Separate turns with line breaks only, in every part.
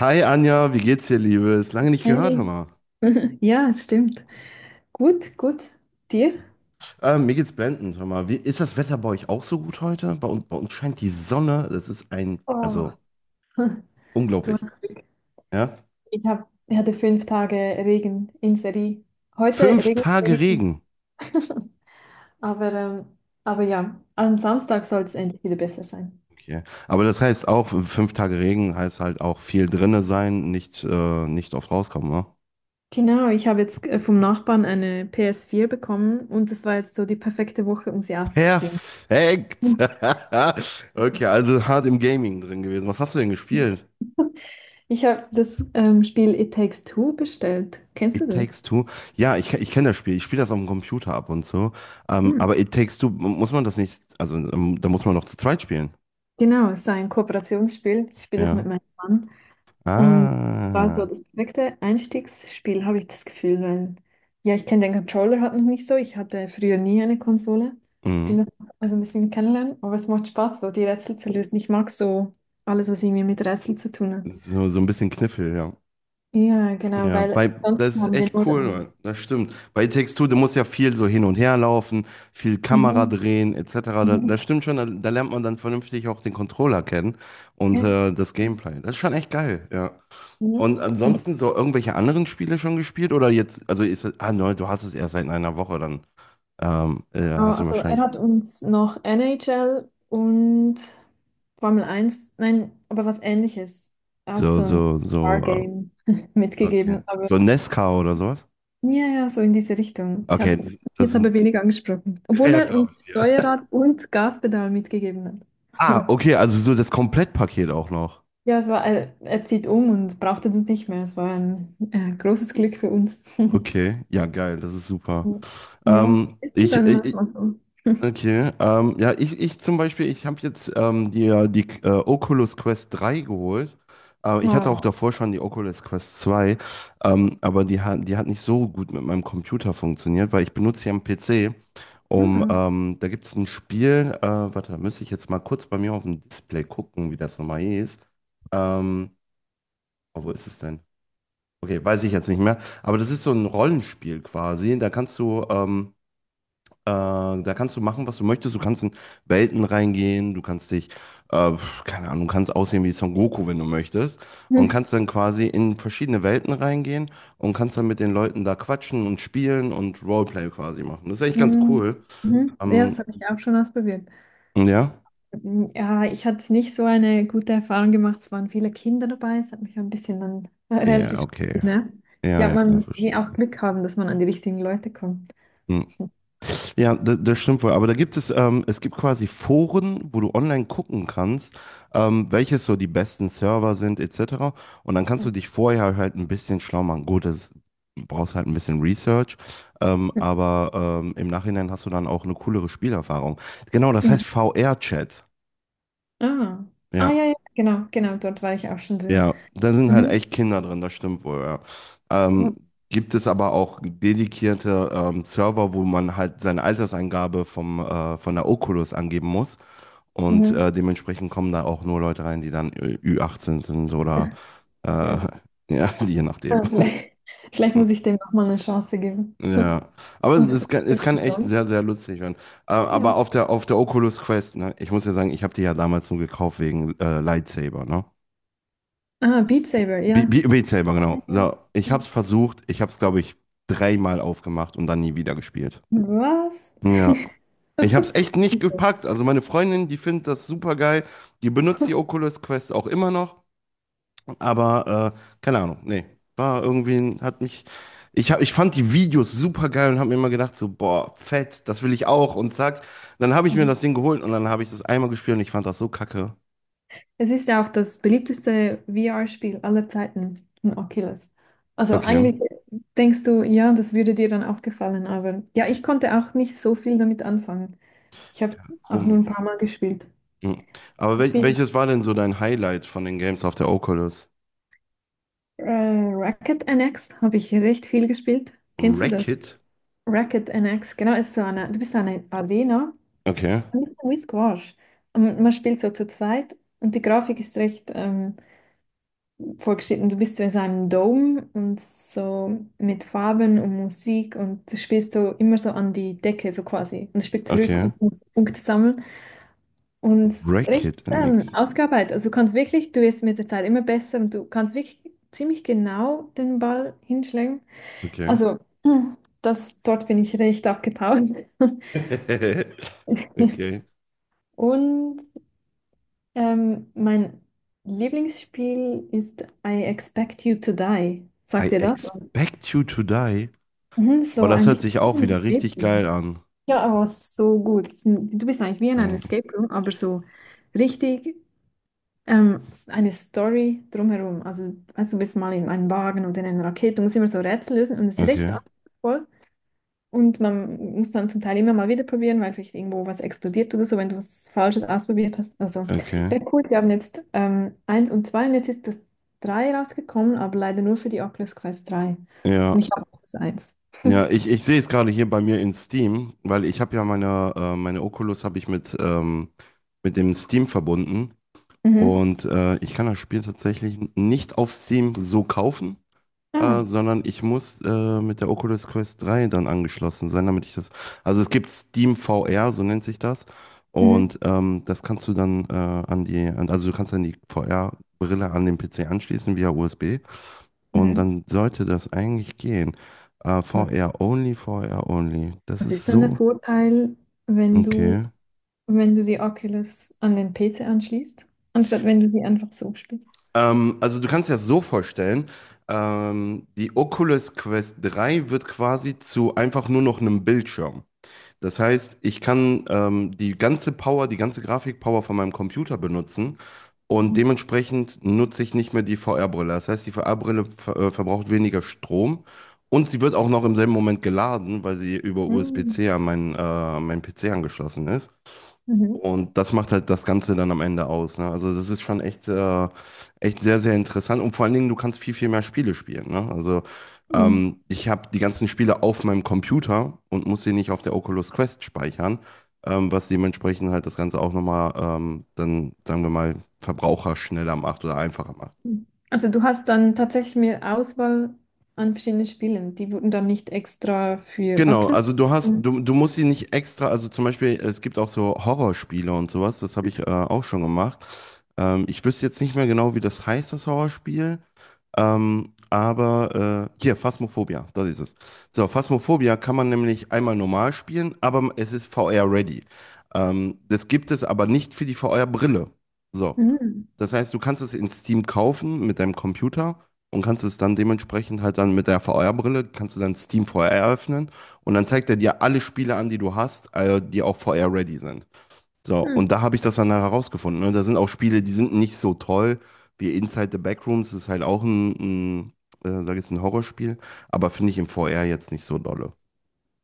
Hi Anja, wie geht's dir, Liebe? Ist lange nicht gehört, hör
Hey.
mal.
Ja, stimmt. Gut, gut. Dir?
Mir geht's blendend, hör mal. Wie, ist das Wetter bei euch auch so gut heute? Bei uns scheint die Sonne, das ist ein,
Oh,
also
du
unglaublich,
hast Glück.
ja?
Ich hatte 5 Tage Regen in Serie. Heute
Fünf
regnet es
Tage
wenigstens.
Regen.
Aber, ähm, aber ja, am Samstag soll es endlich wieder besser sein.
Okay. Aber das heißt auch, 5 Tage Regen heißt halt auch viel drinne sein, nicht oft rauskommen, ne?
Genau, ich habe jetzt vom Nachbarn eine PS4 bekommen, und das war jetzt so die perfekte Woche, um sie auszuprobieren.
Perfekt! Okay, also hart im Gaming drin gewesen. Was hast du denn gespielt?
Ich habe das Spiel It Takes Two bestellt. Kennst du
It
das?
Takes Two. Ja, ich kenne das Spiel. Ich spiele das auf dem Computer ab und so. Aber It Takes Two, muss man das nicht, also da muss man noch zu zweit spielen.
Genau, es ist ein Kooperationsspiel. Ich spiele es mit
Ja.
meinem Mann. Und war so
Ah.
das perfekte Einstiegsspiel, habe ich das Gefühl, weil ja, ich kenne den Controller halt noch nicht so. Ich hatte früher nie eine Konsole. Ich bin
Mhm.
das also ein bisschen kennenlernen, aber es macht Spaß, so die Rätsel zu lösen. Ich mag so alles, was irgendwie mit Rätseln zu tun hat.
So ein bisschen Kniffel, ja.
Ja, genau,
Ja,
weil sonst
das ist
haben wir
echt
nur.
cool, Mann. Das stimmt. Bei It Takes Two, du musst ja viel so hin und her laufen, viel Kamera
Mhm,
drehen, etc. Da, das
mhm,
stimmt schon, da lernt man dann vernünftig auch den Controller kennen und
ja,
das Gameplay. Das ist schon echt geil, ja.
mhm.
Und ansonsten so irgendwelche anderen Spiele schon gespielt oder jetzt, also ist, ah nein, du hast es erst seit einer Woche, dann
Ah,
hast du
also er
wahrscheinlich
hat uns noch NHL und Formel 1, nein, aber was Ähnliches, auch
so,
so ein
so,
Car
so,
Game
okay.
mitgegeben, aber
So Nesca oder sowas?
ja, ja, so in diese Richtung. Ich
Okay,
hatte ihn
das
jetzt aber
sind,
weniger angesprochen, obwohl
ja,
er uns
glaube ich dir.
Steuerrad und Gaspedal mitgegeben hat.
Ah, okay, also so das Komplettpaket auch noch.
Ja, es war, er zieht um und brauchte das nicht mehr. Es war ein großes Glück für uns.
Okay, ja, geil, das ist super.
Ja,
Ähm,
ist
ich,
dann
ich,
manchmal so.
Okay, ja, ich zum Beispiel, ich habe jetzt die Oculus Quest 3 geholt. Ich hatte auch
Oh.
davor schon die Oculus Quest 2, aber die hat nicht so gut mit meinem Computer funktioniert, weil ich benutze hier am PC,
Mhm.
da gibt es ein Spiel, warte, da müsste ich jetzt mal kurz bei mir auf dem Display gucken, wie das nochmal hieß. Ähm, oh, wo ist es denn? Okay, weiß ich jetzt nicht mehr, aber das ist so ein Rollenspiel quasi, da kannst du machen, was du möchtest. Du kannst in Welten reingehen, äh, keine Ahnung, du kannst aussehen wie Son Goku, wenn du möchtest. Und kannst dann quasi in verschiedene Welten reingehen und kannst dann mit den Leuten da quatschen und spielen und Roleplay quasi machen. Das ist eigentlich ganz
Mhm.
cool.
Mhm. Ja, das
Ähm,
habe ich auch schon ausprobiert.
ja?
Mm, ja, ich hatte nicht so eine gute Erfahrung gemacht. Es waren viele Kinder dabei. Es hat mich ein bisschen dann
Ja,
relativ
okay.
genervt. Ich
Ja,
glaube,
ja, klar,
man will
verstehe.
auch Glück haben, dass man an die richtigen Leute kommt.
Hm. Ja, das stimmt wohl. Aber es gibt quasi Foren, wo du online gucken kannst, welches so die besten Server sind, etc. Und dann kannst du dich vorher halt ein bisschen schlau machen. Gut, das brauchst halt ein bisschen Research, aber im Nachhinein hast du dann auch eine coolere Spielerfahrung. Genau, das
Mhm.
heißt VR-Chat.
Ah. Ah, ja,
Ja,
ja, genau, genau, dort war ich auch schon drin.
ja. Da sind halt
Mhm.
echt Kinder drin, das stimmt wohl, ja. Ähm, Gibt es aber auch dedikierte Server, wo man halt seine Alterseingabe von der Oculus angeben muss. Und
Mhm.
dementsprechend kommen da auch nur Leute rein, die dann Ü18 sind oder äh,
Sehr gut.
ja, je nachdem.
Ah, vielleicht, vielleicht
Hm,
muss ich dem nochmal eine Chance geben.
Ja, aber es, es
Und
kann, es kann echt
sonst?
sehr, sehr lustig werden. Äh,
Ja.
aber auf der Oculus Quest, ne, ich muss ja sagen, ich habe die ja damals nur gekauft wegen Lightsaber, ne?
Ah, Beat Saber,
Be
ja.
Be Beat Saber, genau.
Ja,
So, ich
ja.
habe es versucht, ich habe es, glaube ich, dreimal aufgemacht und dann nie wieder gespielt.
Was?
Ja. Ich habe es echt nicht
Super.
gepackt. Also meine Freundin, die findet das super geil. Die benutzt die Oculus Quest auch immer noch. Aber keine Ahnung, nee. War irgendwie, hat mich. Ich fand die Videos super geil und habe mir immer gedacht, so, boah, fett, das will ich auch. Und zack. Dann habe ich mir
Mhm.
das Ding geholt und dann habe ich das einmal gespielt und ich fand das so kacke.
Es ist ja auch das beliebteste VR-Spiel aller Zeiten, ein Oculus. Also
Okay.
eigentlich denkst du, ja, das würde dir dann auch gefallen, aber ja, ich konnte auch nicht so viel damit anfangen. Ich habe es
Ja,
auch nur ein
komisch.
paar Mal gespielt.
Hm. Aber
Ich
wel
finde,
welches war denn so dein Highlight von den Games auf der Oculus?
äh, Racket NX habe ich recht viel gespielt. Kennst du das?
Wreck-It?
Racket NX, genau, es ist so eine, du bist so eine Arena,
Okay.
es ist nicht so wie Squash. Und man spielt so zu zweit und die Grafik ist recht, vorgestellt, und du bist so in so einem Dome und so mit Farben und Musik, und du spielst so immer so an die Decke so quasi und spielst zurück
Okay.
und musst Punkte sammeln und recht
Wreck-It NX.
ausgearbeitet. Also du kannst wirklich, du wirst mit der Zeit immer besser, und du kannst wirklich ziemlich genau den Ball hinschlagen.
Okay.
Also das, dort bin ich recht abgetaucht.
Okay.
Und mein Lieblingsspiel ist I Expect You to Die.
I
Sagt ihr das?
expect you to die.
Mhm,
Boah,
so
das
ein
hört
bisschen
sich
wie
auch
ein
wieder
Escape
richtig geil
Room.
an.
Ja, aber so gut. Du bist eigentlich wie in einem Escape Room, aber so richtig ähm, eine Story drumherum. Also du bist mal in einem Wagen oder in einer Rakete, du musst immer so Rätsel lösen, und es ist recht
Okay,
anspruchsvoll. Und man muss dann zum Teil immer mal wieder probieren, weil vielleicht irgendwo was explodiert oder so, wenn du was Falsches ausprobiert hast. Also,
okay.
recht cool. Wir haben jetzt 1 und 2, und jetzt ist das 3 rausgekommen, aber leider nur für die Oculus Quest 3. Und
Ja,
ich habe das 1.
ja, ich sehe es gerade hier bei mir in Steam, weil ich habe ja meine Oculus habe ich mit dem Steam verbunden
Mhm.
und ich kann das Spiel tatsächlich nicht auf Steam so kaufen,
Ah.
sondern ich muss mit der Oculus Quest 3 dann angeschlossen sein, damit ich das. Also es gibt Steam VR, so nennt sich das.
Mhm.
Und das kannst du dann also du kannst dann die VR-Brille an den PC anschließen via USB. Und
Mhm.
dann sollte das eigentlich gehen.
Was,
VR only, VR only. Das
was
ist
ist denn der
so.
Vorteil, wenn du,
Okay.
wenn du die Oculus an den PC anschließt, anstatt wenn du sie einfach so spielst?
Also du kannst dir das so vorstellen, die Oculus Quest 3 wird quasi zu einfach nur noch einem Bildschirm. Das heißt, ich kann die ganze Power, die ganze Grafikpower von meinem Computer benutzen und
Mhm.
dementsprechend nutze ich nicht mehr die VR-Brille. Das heißt, die VR-Brille verbraucht weniger Strom und sie wird auch noch im selben Moment geladen, weil sie über
Mhm.
USB-C an meinen PC angeschlossen ist.
Mhm.
Und das macht halt das Ganze dann am Ende aus. Ne? Also das ist schon echt sehr, sehr interessant. Und vor allen Dingen, du kannst viel, viel mehr Spiele spielen. Ne? Also
Mhm.
ich habe die ganzen Spiele auf meinem Computer und muss sie nicht auf der Oculus Quest speichern, was dementsprechend halt das Ganze auch nochmal dann, sagen wir mal, verbraucherschneller macht oder einfacher macht.
Also du hast dann tatsächlich mehr Auswahl an verschiedenen Spielen. Die wurden dann nicht extra für
Genau,
Oculus.
also du hast,
Mhm.
du, du musst sie nicht extra, also zum Beispiel, es gibt auch so Horrorspiele und sowas, das habe ich auch schon gemacht. Ich wüsste jetzt nicht mehr genau, wie das heißt, das Horrorspiel. Aber hier, Phasmophobia, das ist es. So, Phasmophobia kann man nämlich einmal normal spielen, aber es ist VR-ready. Das gibt es aber nicht für die VR-Brille. So,
Mhm.
das heißt, du kannst es in Steam kaufen mit deinem Computer und kannst es dann dementsprechend halt dann mit der VR-Brille, kannst du dann Steam VR eröffnen und dann zeigt er dir alle Spiele an, die du hast, die auch VR-ready sind. So, und da habe ich das dann herausgefunden. Ne? Da sind auch Spiele, die sind nicht so toll, wie Inside the Backrooms, das ist halt auch ein, ein, sag ich jetzt, ein Horrorspiel, aber finde ich im VR jetzt nicht so dolle.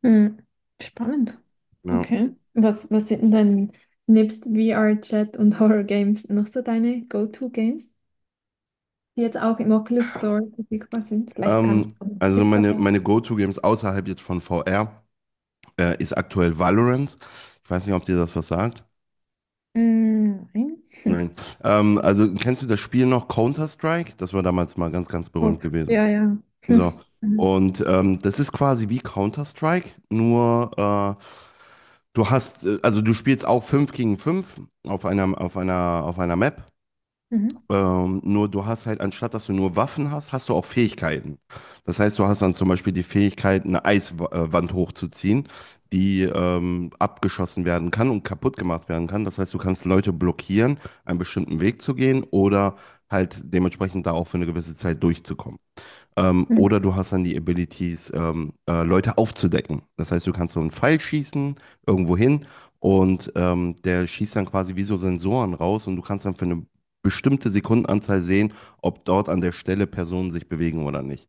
Mhm. Spannend.
Ja.
Okay. Was, was sind denn dein, nebst VR-Chat und Horror-Games noch so deine Go-To-Games, die jetzt auch im Oculus Store verfügbar sind? Vielleicht kann ich
Ähm,
auch noch
also
Tipps
meine,
erfahren.
meine Go-To-Games außerhalb jetzt von VR ist aktuell Valorant. Ich weiß nicht, ob dir das was sagt.
Mm, nein.
Nein.
Hm.
Also kennst du das Spiel noch Counter-Strike? Das war damals mal ganz, ganz
Oh,
berühmt gewesen.
ja, ja.
So.
Hm.
Und das ist quasi wie Counter-Strike, nur äh, also du spielst auch 5 gegen 5 auf einer Map.
Mhm.
Nur du hast halt, anstatt dass du nur Waffen hast, hast du auch Fähigkeiten. Das heißt, du hast dann zum Beispiel die Fähigkeit, eine Eiswand hochzuziehen, die abgeschossen werden kann und kaputt gemacht werden kann. Das heißt, du kannst Leute blockieren, einen bestimmten Weg zu gehen oder halt dementsprechend da auch für eine gewisse Zeit durchzukommen. Ähm,
Mhm.
oder du hast dann die Abilities, Leute aufzudecken. Das heißt, du kannst so einen Pfeil schießen, irgendwo hin, und der schießt dann quasi wie so Sensoren raus und du kannst dann für eine bestimmte Sekundenanzahl sehen, ob dort an der Stelle Personen sich bewegen oder nicht.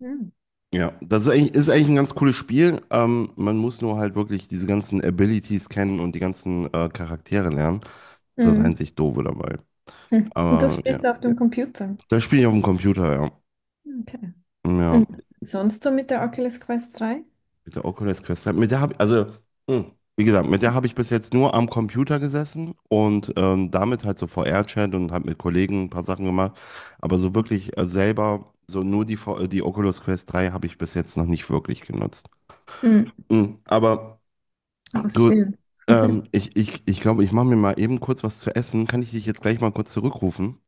Hm.
Ja, das ist eigentlich ein ganz cooles Spiel. Man muss nur halt wirklich diese ganzen Abilities kennen und die ganzen Charaktere lernen. Das ist das
Hm. Hm.
einzig Doofe dabei.
Hm. Und das
Aber
spielst
ja,
du auf dem Computer.
das spiele ich auf dem Computer, ja.
Okay.
Ja.
Und sonst so mit der Oculus Quest 3?
Mit der Oculus Quest. Mit der habe also, hm, wie gesagt, mit der habe ich bis jetzt nur am Computer gesessen und damit halt so VR-Chat und habe mit Kollegen ein paar Sachen gemacht. Aber so wirklich selber, so nur die Oculus Quest 3 habe ich bis jetzt noch nicht wirklich genutzt.
Mhm.
Hm, aber du,
Ausspielen.
ich glaube, ich mache mir mal eben kurz was zu essen. Kann ich dich jetzt gleich mal kurz zurückrufen?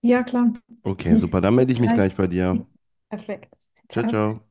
Ja, klar.
Okay, super. Dann
Bis
melde ich mich
gleich.
gleich bei dir.
Perfekt.
Ciao,
Ciao.
ciao.